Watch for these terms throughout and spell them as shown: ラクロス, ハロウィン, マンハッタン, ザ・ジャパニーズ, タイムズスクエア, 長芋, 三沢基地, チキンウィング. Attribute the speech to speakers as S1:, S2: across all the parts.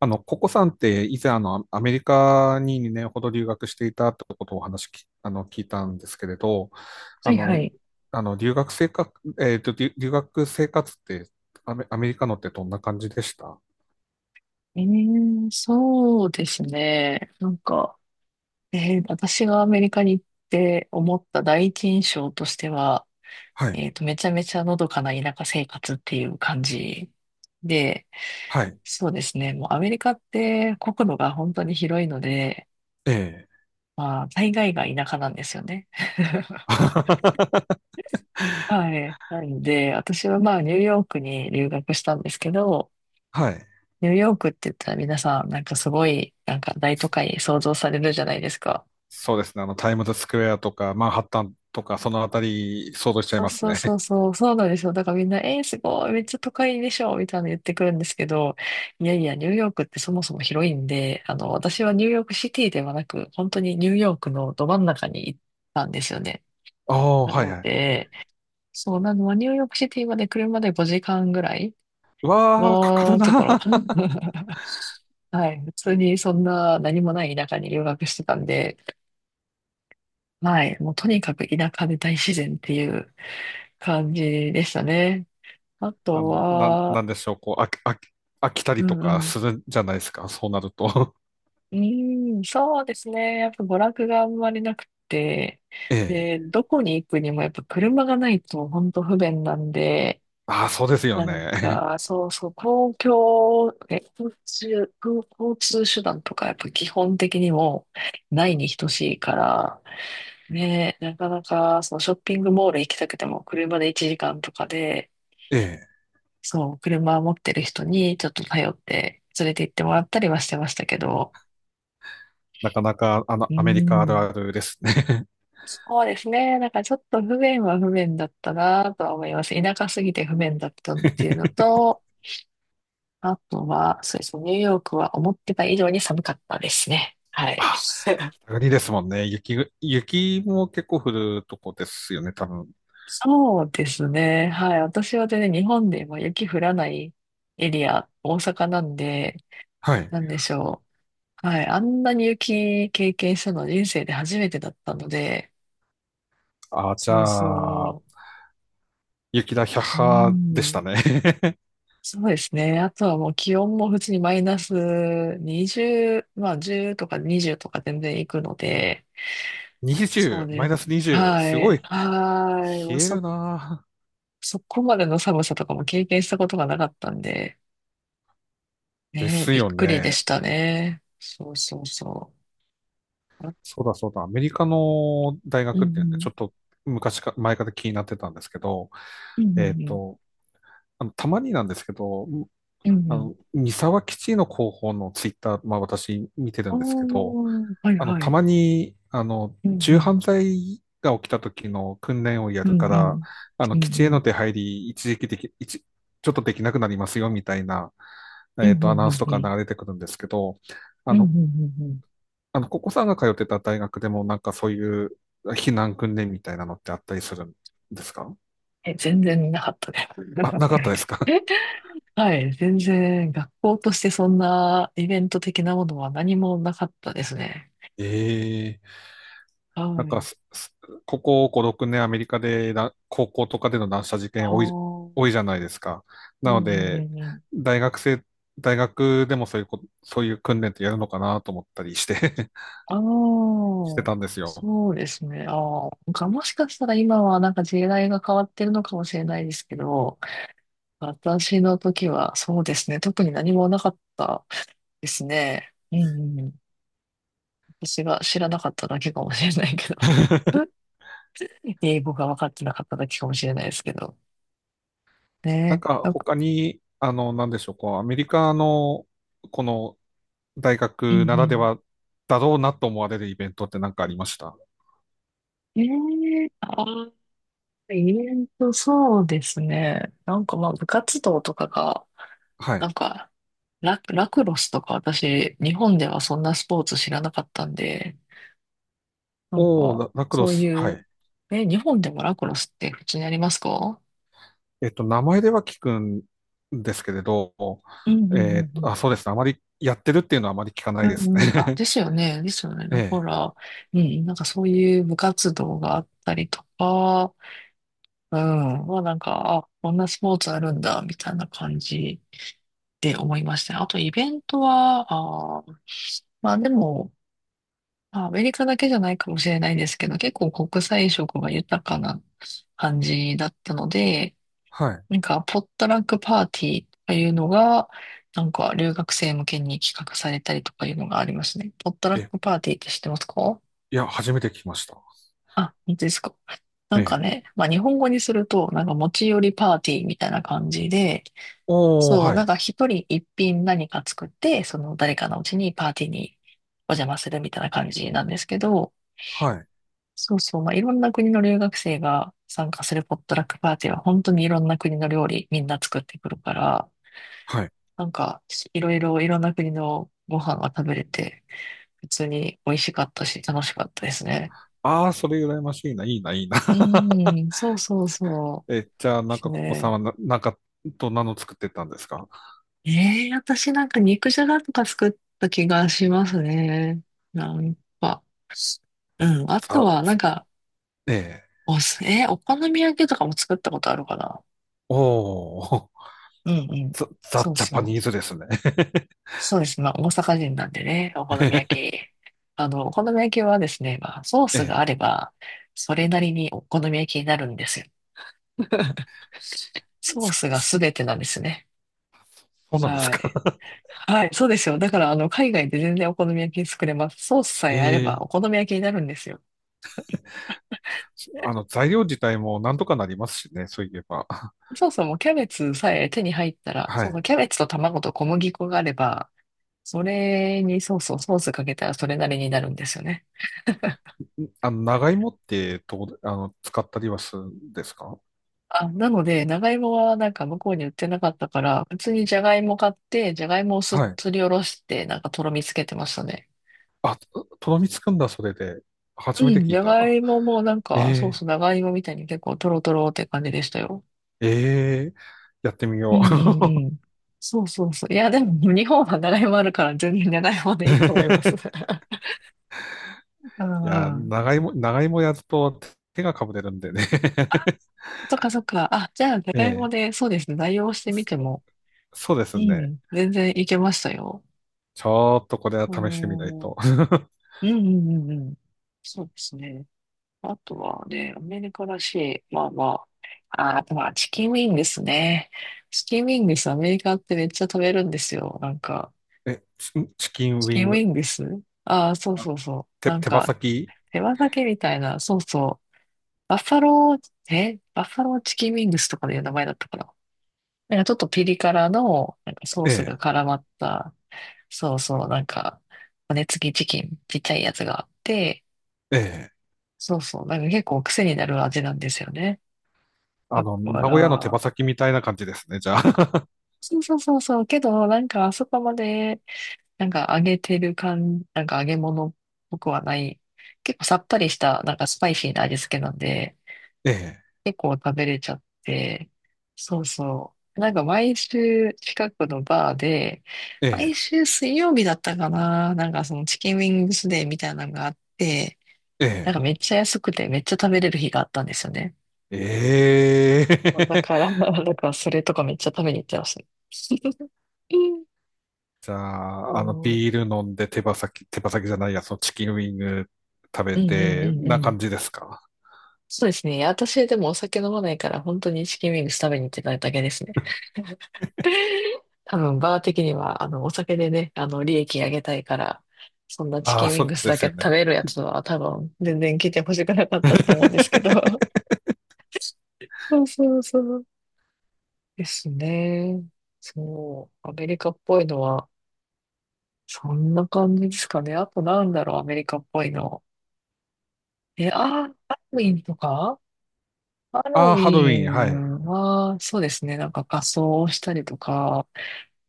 S1: ココさんって以前アメリカに2年ほど留学していたってことをお話き、あの、聞いたんですけれど、
S2: は
S1: あ
S2: いは
S1: の、
S2: い。
S1: あの、留学生活、留学生活ってアメリカのってどんな感じでした？
S2: そうですね。私がアメリカに行って思った第一印象としては、
S1: はい。
S2: めちゃめちゃのどかな田舎生活っていう感じで、
S1: はい。
S2: そうですね。もうアメリカって国土が本当に広いので、
S1: ええ。
S2: まあ、大概が田舎なんですよね。はい。なので、私はまあ、ニューヨークに留学したんですけど、
S1: はい。
S2: ニューヨークって言ったら皆さん、なんかすごい、なんか大都会想像されるじゃないですか。
S1: そうですね。タイムズスクエアとか、マンハッタンとか、そのあたり、想像しちゃい
S2: そう
S1: ます
S2: そうそ
S1: ね。
S2: うそう、そうなんですよ。だからみんな、すごい、めっちゃ都会でしょ、みたいなの言ってくるんですけど、いやいや、ニューヨークってそもそも広いんで、あの、私はニューヨークシティではなく、本当にニューヨークのど真ん中に行ったんですよね。
S1: ああ、
S2: な
S1: はい
S2: の
S1: はい。
S2: で、そうなのは、ニューヨークシティまで車で5時間ぐらい
S1: うわあ、かかる
S2: のとこ
S1: な。
S2: ろ。はい。普通にそんな何もない田舎に留学してたんで、はい。もうとにかく田舎で大自然っていう感じでしたね。あ
S1: あ
S2: と
S1: の、なん、
S2: は、
S1: なんでしょう、こう、飽き、飽き、飽きた
S2: う
S1: りと
S2: んう
S1: か
S2: ん。
S1: するんじゃないですか、そうなると。
S2: うーん、そうですね。やっぱ娯楽があんまりなくて、
S1: ええ。
S2: で、どこに行くにもやっぱ車がないと本当不便なんで、
S1: ああ、そうですよ
S2: なん
S1: ね。
S2: か、そうそう、公共、え、交通、交通手段とかやっぱ基本的にもないに等しいから、ね、なかなかそのショッピングモール行きたくても車で1時間とかで、
S1: ええ。
S2: そう、車持ってる人にちょっと頼って連れて行ってもらったりはしてましたけど、
S1: なかなか、
S2: う
S1: アメリカある
S2: ん、
S1: あるですね。
S2: そうですね。なんかちょっと不便は不便だったなとは思います。田舎すぎて不便だったっていうのと、あとは、そうですね、ニューヨークは思ってた以上に寒かったですね。はい。
S1: あ、北国ですもんね。雪も結構降るとこですよね、多分。
S2: そうですね。はい。私はね、日本でも雪降らないエリア、大阪なんで、
S1: はい。
S2: なんでしょう。はい。あんなに雪経験したの人生で初めてだったので、
S1: ああ、じ
S2: そう
S1: ゃあ、
S2: そ
S1: 雪だ、百
S2: う。う
S1: 派でした
S2: ん。
S1: ね。
S2: そうですね。あとはもう気温も普通にマイナス20、まあ10とか20とか全然行くので、そう
S1: 20、マイナ
S2: ね。
S1: ス20、
S2: は
S1: すご
S2: い。
S1: い、
S2: はい。
S1: 冷
S2: もう
S1: える
S2: そ、
S1: な。
S2: そこまでの寒さとかも経験したことがなかったんで、
S1: で
S2: ね、
S1: す
S2: びっ
S1: よ
S2: くりで
S1: ね。
S2: したね。そうそうそう。あ
S1: そうだそうだ、アメリカの大
S2: うんう
S1: 学っていうんで、ち
S2: ん。
S1: ょっと前から気になってたんですけど、
S2: うんう
S1: えっ
S2: んうん。
S1: と、たまになんですけど、
S2: うんうん。
S1: 三沢基地の広報のツイッター、まあ私見てるんですけど、
S2: おー、はいは
S1: た
S2: い。
S1: まに、
S2: う
S1: 銃
S2: ん
S1: 犯罪が起きた時の訓練をや
S2: う
S1: る
S2: ん。
S1: か
S2: うんう
S1: ら、
S2: ん。う
S1: 基地
S2: んう
S1: への
S2: ん。
S1: 出入り、一時期でき、一、ちょっとできなくなりますよ、みたいな、
S2: うんう
S1: アナ
S2: ん
S1: ウ
S2: う
S1: ンス
S2: ん
S1: と
S2: う
S1: か
S2: ん。
S1: 流れてくるんですけど、あ
S2: うんう
S1: の、
S2: んうんうん。
S1: ここさんが通ってた大学でもなんかそういう避難訓練みたいなのってあったりするんですか？
S2: え、全然見なかったです。
S1: あ、なかったですか？
S2: はい、全然学校としてそんなイベント的なものは何もなかったですね。
S1: ええ。
S2: は
S1: なんか
S2: い。
S1: す、すここ5、6年アメリカでな高校とかでの乱射事
S2: あ
S1: 件
S2: あ、
S1: 多い、
S2: うん
S1: 多いじゃないですか。
S2: う
S1: なの
S2: んうん
S1: で、
S2: うん。
S1: 大学生、大学でもそういうこ、そういう訓練ってやるのかなと思ったりして
S2: ああ、
S1: してたんですよ。
S2: そうですね。ああ、なんかもしかしたら今はなんか時代が変わってるのかもしれないですけど、私の時はそうですね。特に何もなかったですね。うんうんうん。私が知らなかっただけかもしれないけど。英語が分かってなかっただけかもしれないですけど。
S1: なん
S2: ね
S1: か
S2: なんか、
S1: 他に、なんでしょう、こう、アメリカの、この大
S2: う
S1: 学
S2: ん
S1: なら
S2: う
S1: で
S2: ん。
S1: はだろうなと思われるイベントって何かありました？
S2: ええああ、そうですね。なんかまあ、部活動とかが、
S1: はい。
S2: なんか、ラクロスとか私、日本ではそんなスポーツ知らなかったんで、なん
S1: おー、
S2: か、
S1: ラ、ラクロ
S2: そう
S1: ス。
S2: い
S1: は
S2: う、
S1: い。
S2: え、日本でもラクロスって普通にありますか？
S1: 名前では聞くんですけれど、
S2: うんうんうん
S1: あ、そうですね。あまりやってるっていうのはあまり聞かな
S2: う
S1: い
S2: ん。う
S1: です
S2: んうん。あ、
S1: ね。
S2: ですよね。ですよね。
S1: え
S2: だか
S1: え。
S2: ら、うん、なんかそういう部活動があったりとか、うん。まあなんか、あ、こんなスポーツあるんだ、みたいな感じで思いましたね。あとイベントは、あー、まあでも、まあアメリカだけじゃないかもしれないですけど、結構国際色が豊かな感じだったので、
S1: は
S2: なんかポットラックパーティーというのが、なんか留学生向けに企画されたりとかいうのがありますね。ポットラッ
S1: い。え、
S2: クパーティーって知ってますか？
S1: いや、初めて聞きました。
S2: あ、本当ですか。な
S1: え
S2: んか
S1: え。
S2: ね、まあ日本語にすると、なんか持ち寄りパーティーみたいな感じで、
S1: おー、
S2: そう、
S1: は
S2: なん
S1: い。
S2: か一人一品何か作って、その誰かのうちにパーティーにお邪魔するみたいな感じなんですけど、
S1: はい。
S2: そうそう、まあ、いろんな国の留学生が参加するポットラックパーティーは本当にいろんな国の料理みんな作ってくるから、
S1: はい。
S2: なんかいろんな国のご飯が食べれて、普通に美味しかったし楽しかったですね。
S1: ああ、それ羨ましいな、いいな、いいな。
S2: うーん、そうそうそ
S1: え、
S2: う
S1: じゃあ、
S2: で
S1: なん
S2: す
S1: か、ここさん
S2: ね。
S1: はどんなの作ってたんですか？
S2: ええ私なんか肉じゃがとか作った気がしますね。なんかうん。あと
S1: さ、
S2: は、なんか、
S1: ええ。
S2: おす、えーお好み焼きとかも作ったことあるかな？
S1: おー、
S2: うんう ん。
S1: ザ・
S2: そう
S1: ジャ
S2: そ
S1: パ
S2: う。
S1: ニーズですね。
S2: そうです。まあ、大阪人なんでね、お好み焼 き。あの、お好み焼きはですね、まあ、ソースが
S1: え
S2: あれ
S1: え。
S2: ば、それなりにお好み焼きになるんですよ。ソー
S1: す
S2: スが
S1: す
S2: 全てなんですね。
S1: そうなんです
S2: はい。
S1: か。
S2: はい、そうですよ。だから、あの、海外で全然お好み焼き作れます。ソースさえあれ
S1: え、
S2: ば
S1: ええ。
S2: お好み焼きになるんですよ。
S1: 材料自体もなんとかなりますしね、そういえば。
S2: そうそう、もうキャベツさえ手に入ったら、
S1: は
S2: そうそ
S1: い。
S2: う、キャベツと卵と小麦粉があれば、それに、そうそう、ソースかけたらそれなりになるんですよね。
S1: 長芋ってとこあの、使ったりはするんですか？
S2: あ、なので、長芋はなんか向こうに売ってなかったから、普通にじゃがいも買って、じゃがいもをす
S1: はい。
S2: すりおろして、なんかとろみつけてましたね。
S1: あ、とろみつくんだ、それで。
S2: う
S1: 初めて
S2: ん、
S1: 聞
S2: じ
S1: い
S2: ゃが
S1: た。
S2: いももなん
S1: え
S2: か、そうそ
S1: え、
S2: う、長芋みたいに結構とろとろって感じでしたよ。
S1: ええ、やってみ
S2: う
S1: よ
S2: んうんうん。そうそうそう。いや、でも日本は長芋あるから全然長芋
S1: う。
S2: でいいと思います。う
S1: いや、
S2: んうん。
S1: 長芋やると手がかぶれるんでね。
S2: そっかそっか。あ、じゃあ、じゃ
S1: え
S2: がいも
S1: え、
S2: で、そうですね、代用してみても、
S1: そそうです
S2: う
S1: ね。
S2: ん、全然いけましたよ。
S1: ちょっとこれは
S2: あ
S1: 試してみない
S2: ー
S1: と。
S2: うんうんうんうん。そうですね。あとはね、アメリカらしい。まあまあ。ああ、まあ、チキンウィングスね。チキンウィングス、アメリカってめっちゃ食べるんですよ。なんか、
S1: え、チチキンウ
S2: チキ
S1: ィ
S2: ン
S1: ン
S2: ウ
S1: グ、
S2: ィングス、ああー、そう
S1: あ
S2: そうそう。
S1: 手、
S2: なん
S1: 手羽
S2: か、
S1: 先
S2: 手羽先みたいな、そうそう。バッファローチキンウィングスとかいう名前だったかな。なんかちょっとピリ辛の、なんかソース
S1: え
S2: が絡まった、そうそう、なんか、骨付きチキン、ちっちゃいやつがあって、
S1: え、ええ。
S2: そうそう。なんか結構癖になる味なんですよね。だか
S1: 名古屋の手羽
S2: ら、
S1: 先みたいな感じですね、じゃあ。
S2: そうそうそうそう。けど、なんかあそこまで、なんか揚げてる感、なんか揚げ物っぽくはない。結構さっぱりした、なんかスパイシーな味付けなんで、
S1: え
S2: 結構食べれちゃって。そうそう。なんか毎週近くのバーで、
S1: え、
S2: 毎
S1: え
S2: 週水曜日だったかな。なんかそのチキンウィングスデーみたいなのがあって、なん
S1: え、
S2: かめっちゃ安くてめっちゃ食べれる日があったんですよね。
S1: ええ。ええ
S2: だからそれとかめっちゃ食べに行ってますね。
S1: じゃ
S2: そ
S1: あ、ビ
S2: う。
S1: ール飲んで手羽先、手羽先じゃないや、そのチキンウィング食べ
S2: うんうんう
S1: て、
S2: んう
S1: な
S2: ん。
S1: 感じですか？
S2: そうですね。いや私でもお酒飲まないから、本当にチキンウィングス食べに行ってただけですね。多分、バー的には、お酒でね、利益上げたいから、そんなチ
S1: あ
S2: キ
S1: あ、
S2: ンウィ
S1: そ
S2: ング
S1: う
S2: ス
S1: で
S2: だ
S1: す
S2: け
S1: よね。
S2: 食べるやつは多分、全然来てほしくなかったと思うんですけど。そうそうそう。ですね。そう。アメリカっぽいのは、そんな感じですかね。あとなんだろう、アメリカっぽいの。え、あー、ハロウィンとかハロ
S1: あ
S2: ウ
S1: あ、ハロウ
S2: ィ
S1: ィン、はい。
S2: ンは、そうですね、なんか仮装をしたりとか、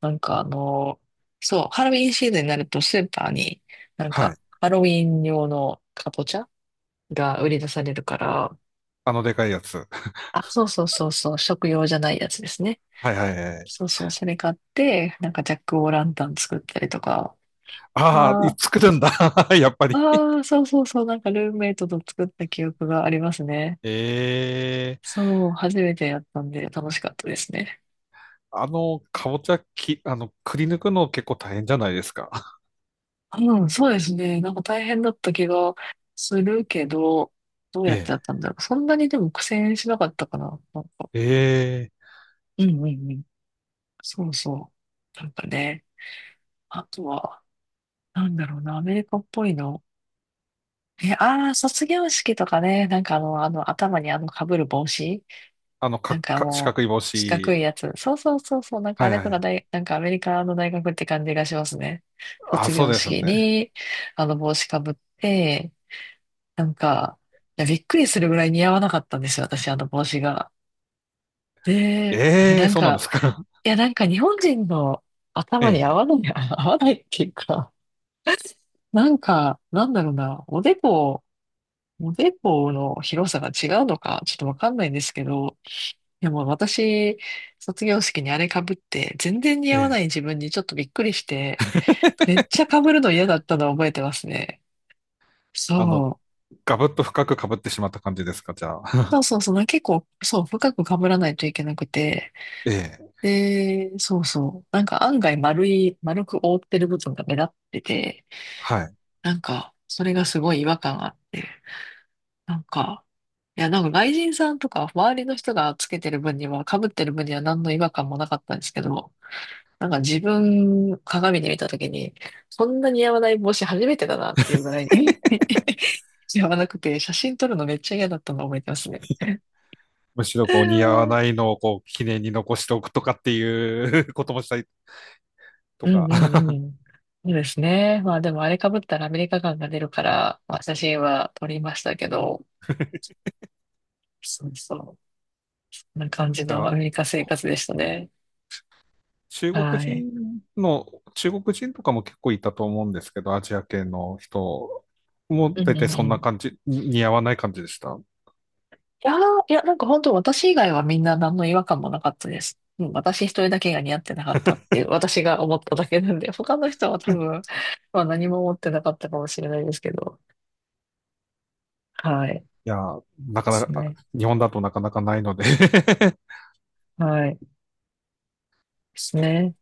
S2: なんかあの、そう、ハロウィンシーズンになるとスーパーに、なん
S1: は
S2: か
S1: い。
S2: ハロウィン用のカぼチャが売り出されるから、
S1: あのでかいやつ。
S2: あ、そうそうそうそう、食用じゃないやつですね。
S1: はいはいはい。
S2: そうそう、それ買って、なんかジャックオーランタン作ったりとか、
S1: ああ、
S2: まあ、
S1: 作るんだ。やっぱり。
S2: ああ、そうそうそう、なんかルームメイトと作った記憶がありますね。
S1: ええ。
S2: そう、初めてやったんで楽しかったですね。
S1: あの、かぼちゃき、あの、くり抜くの結構大変じゃないですか。
S2: うん、そうですね。なんか大変だった気がするけど、どうやってや
S1: え
S2: ったんだろう。そんなにでも苦戦しなかったかな。なんか、
S1: え。ええ。
S2: うんうんうん。そうそう。なんかね、あとは、なんだろうな、アメリカっぽいの。ああ、卒業式とかね、頭に被る帽子
S1: あの、か、
S2: なんか
S1: か、四
S2: もう、
S1: 角い帽
S2: 四角
S1: 子。
S2: いやつ。そうそうそうそう。なんか
S1: は
S2: あ
S1: い
S2: れと
S1: は
S2: か
S1: い。
S2: 大、なんかアメリカの大学って感じがしますね。
S1: あ、
S2: 卒
S1: そう
S2: 業
S1: です
S2: 式
S1: ね。
S2: に、あの帽子かぶって、なんか、いや、びっくりするぐらい似合わなかったんですよ、私、あの帽子が。で、あれ
S1: え
S2: な
S1: え、
S2: ん
S1: そうなんで
S2: か、
S1: すか。
S2: いや、なんか日本人の頭に合 わ
S1: え
S2: ない、合わないっていうか、なんか、なんだろうな、おでこ、おでこの広さが違うのか、ちょっとわかんないんですけど、いやもう私、卒業式にあれ被って、全然似
S1: え
S2: 合わな
S1: え
S2: い
S1: え。
S2: 自分にちょっとびっくりして、めっちゃ被るの嫌だったのを覚えてますね。
S1: あの、
S2: そ
S1: ガブッと深く被ってしまった感じですか、じゃあ。
S2: う。そ うそうそう、な結構、そう、深く被らないといけなくて、
S1: ええ。
S2: で、そうそう、なんか案外丸い、丸く覆ってる部分が目立ってて、
S1: はい。
S2: なんか、それがすごい違和感があって、なんか、いや、なんか外人さんとか周りの人がつけてる分には、被ってる分には何の違和感もなかったんですけど、なんか自分、鏡で見たときに、そんな似合わない帽子初めてだなっていうぐらいに 似合わなくて、写真撮るのめっちゃ嫌だったのを覚えてますね。
S1: むしろこう似合わ
S2: う
S1: ない
S2: ん
S1: のをこう記念に残しておくとかっていう こともしたりとか。
S2: うん うん。そうですね。まあでもあれ被ったらアメリカ感が出るから、まあ写真は撮りましたけど、そうそう。こんな感じ
S1: じゃ
S2: のア
S1: あ、
S2: メリカ生活でしたね。
S1: 中国
S2: はい。
S1: 人の、中国人とかも結構いたと思うんですけど、アジア系の人も
S2: うん
S1: 大
S2: う
S1: 体
S2: んう
S1: そんな
S2: ん。
S1: 感じ、似合わない感じでした？
S2: いやー、いや、なんか本当私以外はみんな何の違和感もなかったです。うん、私一人だけが似合ってなかったっていう、私が思っただけなんで、他の人は多分、まあ何も思ってなかったかもしれないですけど。はい。で
S1: いやー、なかな
S2: す
S1: か、
S2: ね。
S1: 日本だとなかなかないので。
S2: はい。ですね。